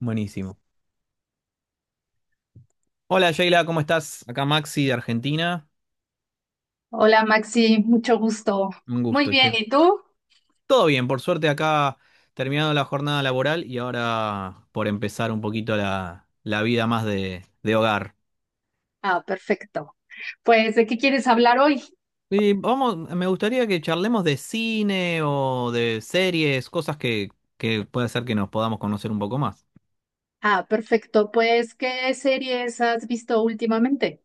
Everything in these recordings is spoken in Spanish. Buenísimo. Hola, Sheila, ¿cómo estás? Acá Maxi de Argentina. Hola Maxi, mucho gusto. Un Muy gusto, bien, che. ¿y tú? Todo bien, por suerte acá terminando la jornada laboral y ahora por empezar un poquito la vida más de hogar. Ah, perfecto. Pues, ¿de qué quieres hablar hoy? Y vamos, me gustaría que charlemos de cine o de series, cosas que puede ser que nos podamos conocer un poco más. Ah, perfecto. Pues, ¿qué series has visto últimamente?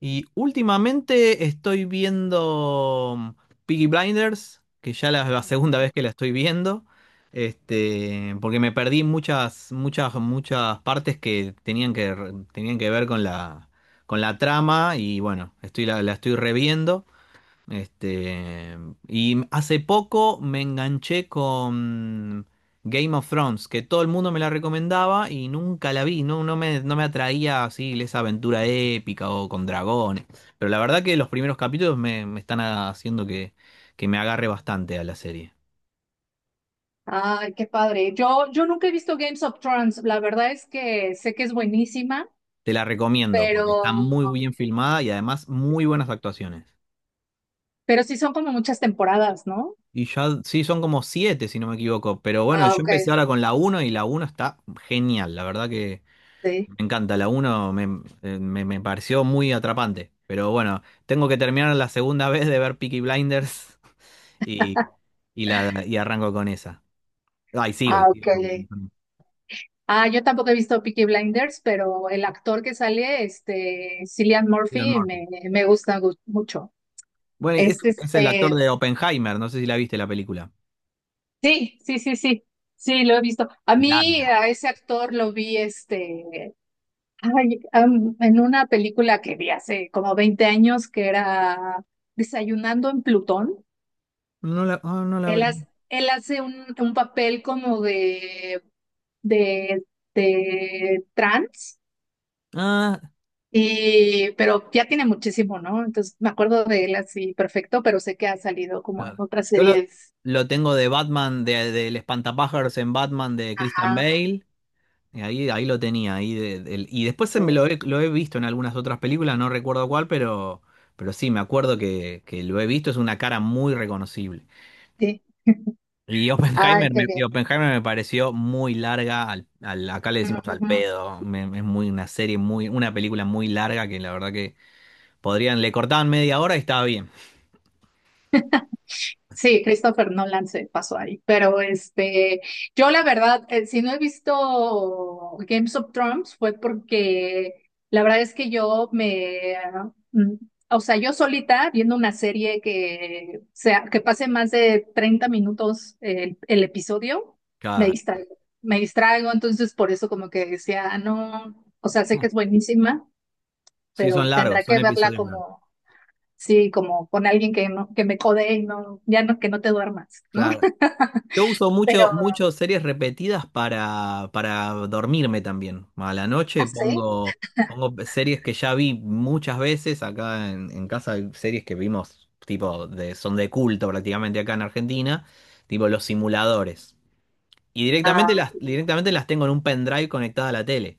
Y últimamente estoy viendo Piggy Blinders, que ya la segunda vez que la estoy viendo, porque me perdí muchas, muchas, muchas partes que tenían que, tenían que ver con la trama y bueno, estoy, la estoy reviendo. Este, y hace poco me enganché con Game of Thrones, que todo el mundo me la recomendaba y nunca la vi, no me atraía así esa aventura épica o con dragones. Pero la verdad que los primeros capítulos me están haciendo que me agarre bastante a la serie. Ay, qué padre. Yo nunca he visto Games of Thrones. La verdad es que sé que es buenísima, Te la recomiendo pero, porque está muy bien filmada y además muy buenas actuaciones. pero sí son como muchas temporadas, ¿no? Y ya, sí, son como siete, si no me equivoco. Pero bueno, Ah, yo ok. empecé ahora con la uno y la uno está genial. La verdad que Sí. me encanta, la uno me pareció muy atrapante. Pero bueno, tengo que terminar la segunda vez de ver Peaky Blinders y, y arranco con esa. Ay, sigo, y Ah, ok. sigo con Ah, yo tampoco he visto Peaky Blinders, pero el actor que sale, Cillian Cillian Murphy, Murphy. me gusta mucho. Bueno, Es es el actor de Oppenheimer, no sé si la viste la película. sí, sí, sí, sí, sí, lo he visto. A mí, Larga. a ese actor lo vi, en una película que vi hace como 20 años que era Desayunando en Plutón. No la, ah, no la ve- Él hace un papel como de, de trans, Ah, y, pero ya tiene muchísimo, ¿no? Entonces me acuerdo de él así perfecto, pero sé que ha salido como en claro. otras Yo series. lo tengo de Batman, del Espantapájaros en Batman de Christian Ajá, Bale. Y ahí, ahí lo tenía. Ahí de- del- y después se sí. me lo he, Lo he visto en algunas otras películas, no recuerdo cuál, pero sí, me acuerdo que lo he visto, es una cara muy reconocible. Sí. Ay, qué Y Oppenheimer me pareció muy larga, acá le decimos al bien. pedo, es muy una serie, muy, una película muy larga que la verdad que podrían, le cortaban media hora y estaba bien. Sí, Christopher Nolan se pasó ahí, pero yo la verdad, si no he visto Games of Thrones fue porque la verdad es que yo me, o sea, yo solita viendo una serie que sea, que pase más de 30 minutos el episodio, Cada- me distraigo, entonces por eso como que decía, "Ah, no, o sea, sé que es buenísima, sí, son pero largos, tendrá son que verla episodios largos. como sí, como con alguien que, no, que me codee y no, ya no, que no te duermas, ¿no?" Claro. Yo uso Pero mucho series repetidas para dormirme también. A la noche sí, pongo, pongo series que ya vi muchas veces. Acá en casa hay series que vimos, tipo, de, son de culto prácticamente acá en Argentina, tipo Los Simuladores. Y directamente ah, directamente las tengo en un pendrive conectada a la tele.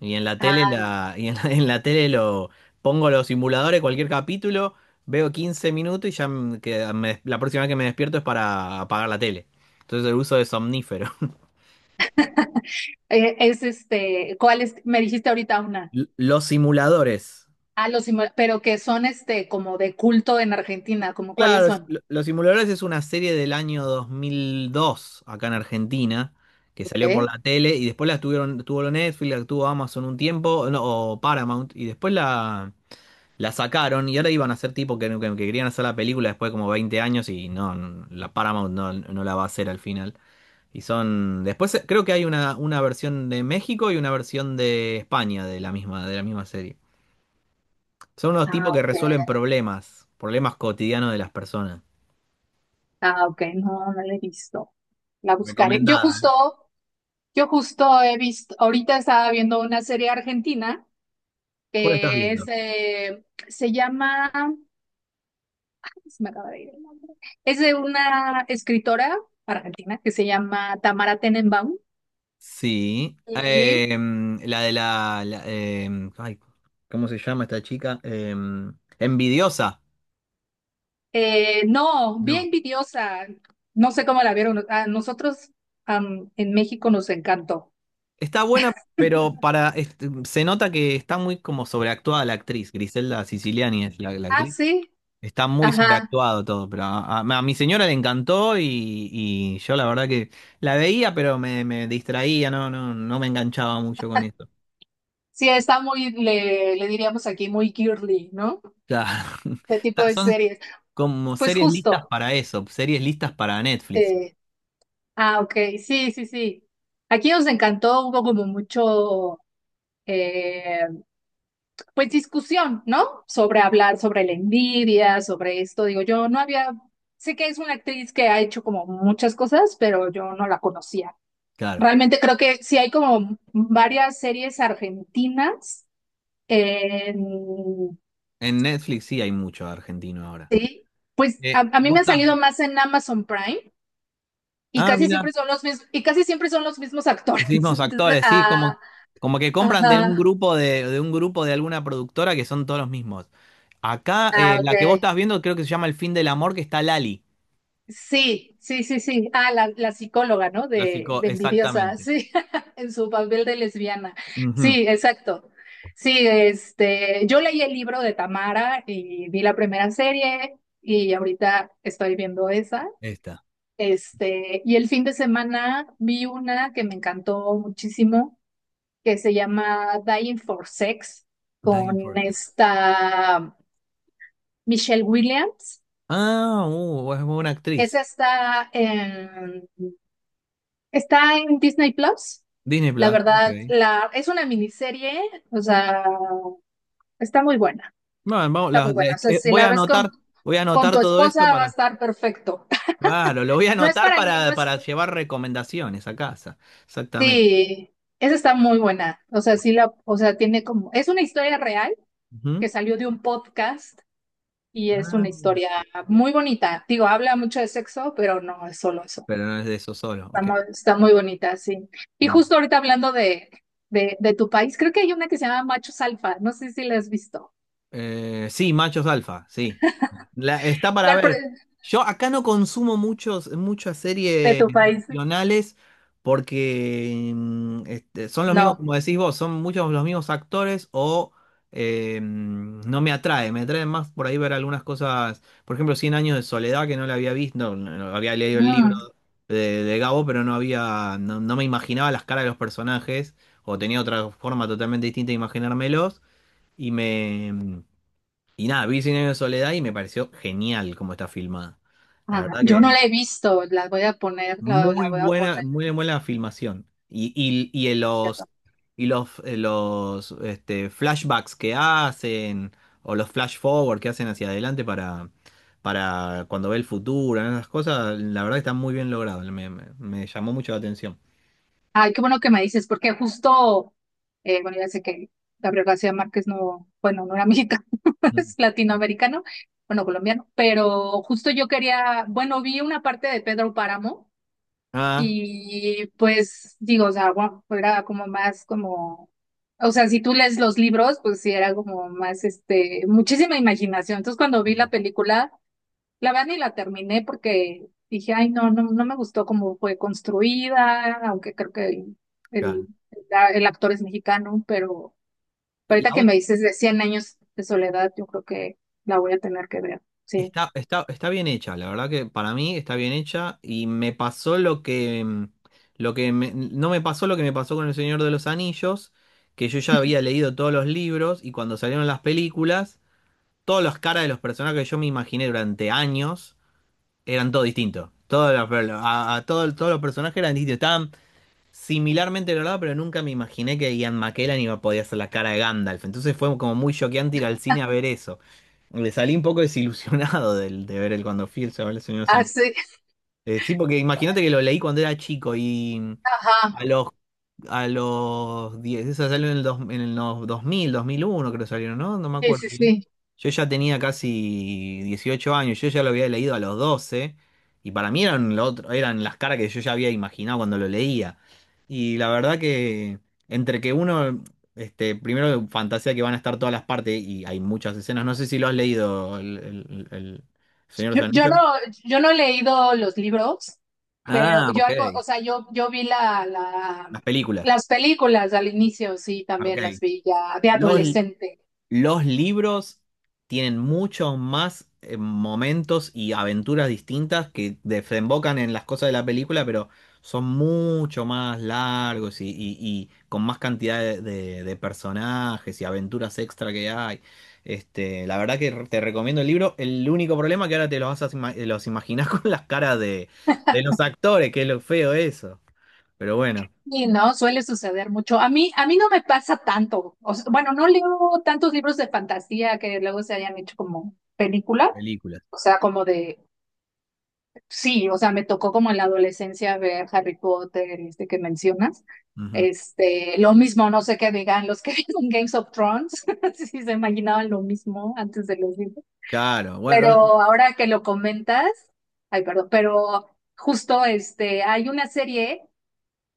Y en la tele ah, la, en la tele lo pongo los simuladores, cualquier capítulo, veo 15 minutos y ya la próxima vez que me despierto es para apagar la tele. Entonces el uso de somnífero. Es ¿cuál es? Me dijiste ahorita una. Los simuladores. Ah, pero que son como de culto en Argentina, como cuáles Claro, son. Los simuladores es una serie del año 2002 acá en Argentina que salió por Ok. la tele y después la tuvieron, tuvo lo Netflix, la tuvo Amazon un tiempo, no, o Paramount y después la sacaron y ahora iban a hacer tipo que querían hacer la película después de como 20 años y no, no, la Paramount no, no la va a hacer al final. Y son. Después creo que hay una versión de México y una versión de España de la misma serie. Son unos Ah, tipos que ok. resuelven problemas, problemas cotidianos de las personas. Ah, ok. No, no la he visto. La buscaré. Yo Recomendada, ¿eh? justo, yo justo he visto, ahorita estaba viendo una serie argentina ¿Cuál estás que es, viendo? Se llama se me acaba de ir el nombre. Es de una escritora argentina que se llama Tamara Tenenbaum. Sí. Y La de la. ¿Cómo se llama esta chica? Envidiosa. No, bien No, envidiosa. No sé cómo la vieron. A nosotros en México nos encantó. está buena, pero se nota que está muy como sobreactuada la actriz. Griselda Siciliani es la Ah, actriz. sí. Está muy Ajá. sobreactuado todo, pero a mi señora le encantó y yo la verdad que la veía, pero me distraía, no me enganchaba mucho con eso. Sí, está muy, le diríamos aquí, muy girly, ¿no? Claro. De tipo Está- de son series. como Pues series listas justo. para eso, series listas para Netflix. eh, ok. Sí, sí, sí. Aquí nos encantó. Hubo como mucho. eh, pues discusión, ¿no? Sobre hablar sobre la envidia, sobre esto. Digo, yo no había, sé que es una actriz que ha hecho como muchas cosas, pero yo no la conocía. Claro. Realmente creo que sí hay como varias series argentinas. en- En Netflix sí hay mucho argentino ahora. sí, pues a mí ¿Vos me han estás? salido más en Amazon Prime y Ah, casi mira. siempre son los mismos, y casi siempre son los mismos actores. Los mismos Entonces, actores, sí, como, como que compran de un ajá, grupo de un grupo de alguna productora que son todos los mismos. Acá, la que vos ok, estás viendo, creo que se llama El fin del amor, que está Lali. sí, sí, sí, sí. Ah, la psicóloga, ¿no? De, Clásico, de envidiosa, exactamente. sí, en su papel de lesbiana. Ujú. Sí, exacto. Sí, yo leí el libro de Tamara y vi la primera serie y ahorita estoy viendo esa. Esta. Y el fin de semana vi una que me encantó muchísimo, que se llama Dying for Sex, Diane con Forsyth. esta Michelle Williams. Ah, es buena Esa actriz. está en Está en Disney Plus. Disney La Plus, ok. verdad, es una miniserie, o sea, está muy buena, Bueno, vamos, está muy buena. O sea, si la ves con, voy a con anotar tu todo esto esposa va a para. estar perfecto. Claro, lo voy a No es anotar para mí, no es... para llevar recomendaciones a casa. Exactamente. Sí, esa está muy buena. O sea, o sea, tiene como... Es una historia real Ujú. que salió de un podcast y es Ah, una historia muy bonita. Digo, habla mucho de sexo, pero no es solo eso. pero no es de eso solo, ok. Está muy bonita, sí. Y Bueno. justo ahorita hablando de, de tu país, creo que hay una que se llama Machos Alfa, no sé si la has visto. Sí, machos alfa, sí. Está Yo para al ver. pri- Yo acá no consumo muchas ¿De series tu país? nacionales porque son los mismos, No. como decís vos, son muchos los mismos actores o no me atrae. Me atrae más por ahí ver algunas cosas, por ejemplo, Cien años de soledad que no la había visto, no había leído el libro Mm, de Gabo, pero no había, no me imaginaba las caras de los personajes o tenía otra forma totalmente distinta de imaginármelos y me... Y nada, vi Cien años de soledad y me pareció genial cómo está filmada. La verdad yo no la que he visto, la voy a poner, la, la voy a poner. muy buena filmación. Y en los, ¿Cierto? y los, los este, flashbacks que hacen, o los flash forward que hacen hacia adelante para cuando ve el futuro, ¿no? Esas cosas, la verdad que están muy bien logradas. Me llamó mucho la atención. Ay, qué bueno que me dices, porque justo, bueno, ya sé que Gabriel García Márquez no, bueno, no era mexicano, Mm. es latinoamericano, bueno, colombiano, pero justo yo quería, bueno, vi una parte de Pedro Páramo. Ah, Y pues digo, o sea, era como más como, o sea, si tú lees los libros, pues sí era como más, muchísima imaginación. Entonces cuando vi la sí, película, la verdad ni la terminé porque dije, ay, no, no, no me gustó cómo fue construida, aunque creo que el, claro. el actor es mexicano, pero ahorita La que me dices de Cien años de soledad, yo creo que la voy a tener que ver, sí. Está, está bien hecha, la verdad que para mí está bien hecha y me pasó lo que, no me pasó lo que me pasó con El Señor de los Anillos, que yo ya había leído todos los libros y cuando salieron las películas, todas las caras de los personajes que yo me imaginé durante años eran todo distinto. Todos los, a todos, todos los personajes eran distintos similarmente logrado, pero nunca me imaginé que Ian McKellen iba a poder hacer la cara de Gandalf. Entonces fue como muy choqueante ir al cine a ver eso. Le salí un poco desilusionado de ver el cuando fui el Señor de los Ah, Anillos. sí, Sí, porque imagínate que lo leí cuando era chico y ajá, a los a los 10 esa salió en el, dos, en el no- 2000, 2001 creo que salieron, ¿no? No me sí, acuerdo sí, bien. sí. Yo ya tenía casi 18 años, yo ya lo había leído a los 12 y para mí eran, lo otro, eran las caras que yo ya había imaginado cuando lo leía. Y la verdad que entre que uno, primero fantasea que van a estar todas las partes y hay muchas escenas, no sé si lo has leído el Señor de los Yo no, Anillos. yo no he leído los libros, pero Ah, yo ok. algo, o sea, yo vi Las películas. las películas al inicio, sí, Ok. también las vi ya de Los adolescente. Los libros tienen muchos más momentos y aventuras distintas que desembocan en las cosas de la película, pero son mucho más largos y con más cantidad de personajes y aventuras extra que hay. La verdad que te recomiendo el libro. El único problema que ahora te los vas a los imaginar con las caras de los actores, que es lo feo eso. Pero bueno, Y no, suele suceder mucho. A mí no me pasa tanto. O sea, bueno, no leo tantos libros de fantasía que luego se hayan hecho como película, películas. o sea, como de sí, o sea, me tocó como en la adolescencia ver Harry Potter, que mencionas. Ujú. Lo mismo, no sé qué digan los que vieron Games of Thrones, si se imaginaban lo mismo antes de los libros. Claro, Pero bueno, ahora que lo comentas, ay, perdón, pero justo hay una serie,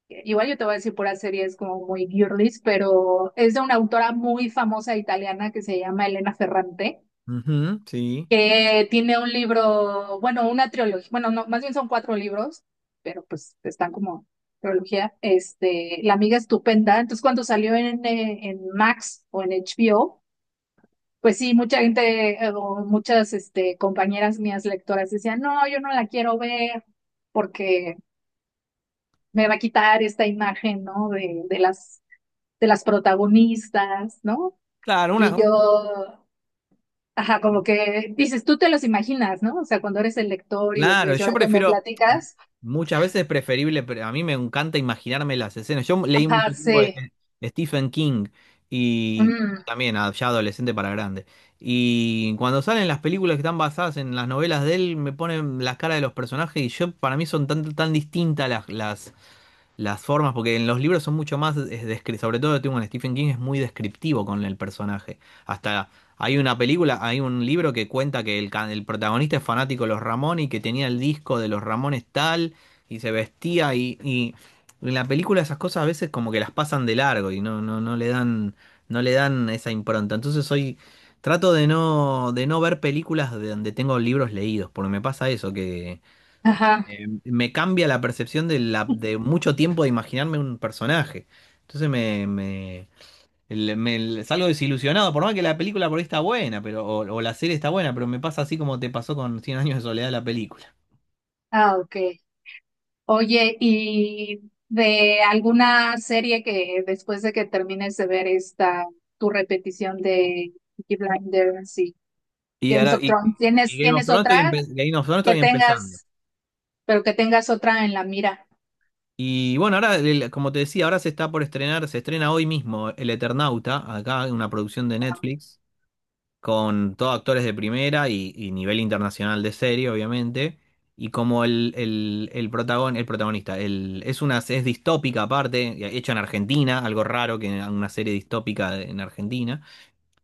igual yo te voy a decir pura serie, es como muy girlies, pero es de una autora muy famosa italiana que se llama Elena Ferrante ujú, sí. que tiene un libro, bueno, una trilogía, bueno, no, más bien son cuatro libros, pero pues están como trilogía, La amiga estupenda. Entonces, cuando salió en Max o en HBO, pues sí, mucha gente o muchas compañeras mías lectoras decían, no, yo no la quiero ver porque me va a quitar esta imagen, ¿no? De las protagonistas, ¿no? Claro, una, Y yo ajá, como que dices, tú te los imaginas, ¿no? O sea, cuando eres el lector y los claro, ves y yo ahora que me prefiero, platicas, muchas veces es preferible, pero a mí me encanta imaginarme las escenas. Yo leí ajá, mucho tiempo sí, de Stephen King y mm, también ya adolescente para grande. Y cuando salen las películas que están basadas en las novelas de él, me ponen las caras de los personajes y yo para mí son tan, tan distintas las formas, porque en los libros son mucho más, es sobre todo tengo en Stephen King, es muy descriptivo con el personaje. Hasta hay una película, hay un libro que cuenta que el protagonista es fanático de los Ramones y que tenía el disco de los Ramones tal y se vestía y en la película esas cosas a veces como que las pasan de largo y no le dan, no le dan esa impronta. Entonces soy, trato de no ver películas de donde tengo libros leídos, porque me pasa eso, que ajá, me cambia la percepción de, la, de mucho tiempo de imaginarme un personaje. Entonces el- me- salgo desilusionado, por más que la película por ahí está buena, pero, o la serie está buena, pero me pasa así como te pasó con Cien años de soledad la película. Ok. Oye, ¿y de alguna serie que después de que termines de ver esta, tu repetición de Peaky Blinders y Y Games ahora, of y, Thrones, y ¿tienes, Game of tienes Thrones estoy, otra Game of Thrones que estoy empezando. tengas, pero que tengas otra en la mira? Y bueno, ahora, como te decía, ahora se está por estrenar, se estrena hoy mismo El Eternauta, acá una producción de Netflix. Con todos actores de primera y nivel internacional de serie, obviamente. Y como el protagonista es una es distópica aparte, hecha en Argentina, algo raro que una serie distópica en Argentina.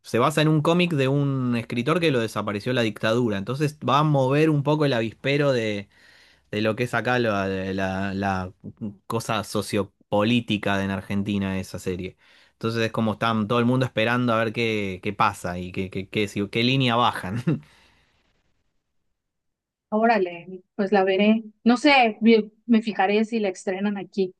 Se basa en un cómic de un escritor que lo desapareció la dictadura. Entonces va a mover un poco el avispero de lo que es acá la cosa sociopolítica de en Argentina esa serie. Entonces es como están todo el mundo esperando a ver qué, qué pasa y qué, qué línea bajan. Órale, pues la veré. No sé, me fijaré si la estrenan aquí.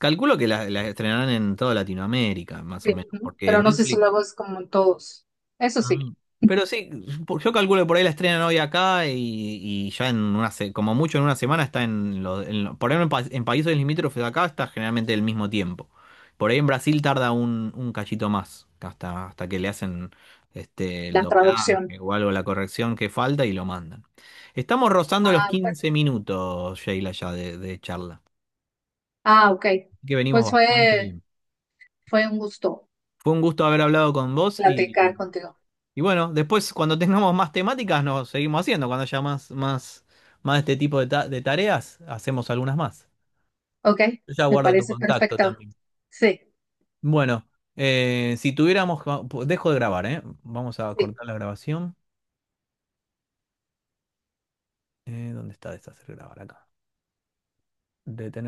Calculo que la estrenarán en toda Latinoamérica, más o Sí, menos, ¿no? porque Pero no sé si Netflix... luego es como en todos. Eso sí, Ah, pero sí, yo calculo que por ahí la estrenan hoy acá y ya en una como mucho en una semana está en, por ahí en, en países limítrofes de acá está generalmente el mismo tiempo. Por ahí en Brasil tarda un cachito más, hasta, hasta que le hacen el la traducción. doblaje o algo, la corrección que falta y lo mandan. Estamos rozando los Ah, ok. 15 minutos, Sheila, ya de charla. Ah, ok. Así que venimos Pues bastante fue, bien. fue un gusto Fue un gusto haber hablado con vos. platicar contigo. Y bueno, después cuando tengamos más temáticas nos seguimos haciendo. Cuando haya más, más, más de este tipo de, de tareas, hacemos algunas más. Ok, Yo ya me guardo tu parece contacto perfecto. también. Sí, Bueno, si tuviéramos... Dejo de grabar, ¿eh? Vamos a sí. cortar la grabación. ¿Dónde está deshacer grabar acá? Detener.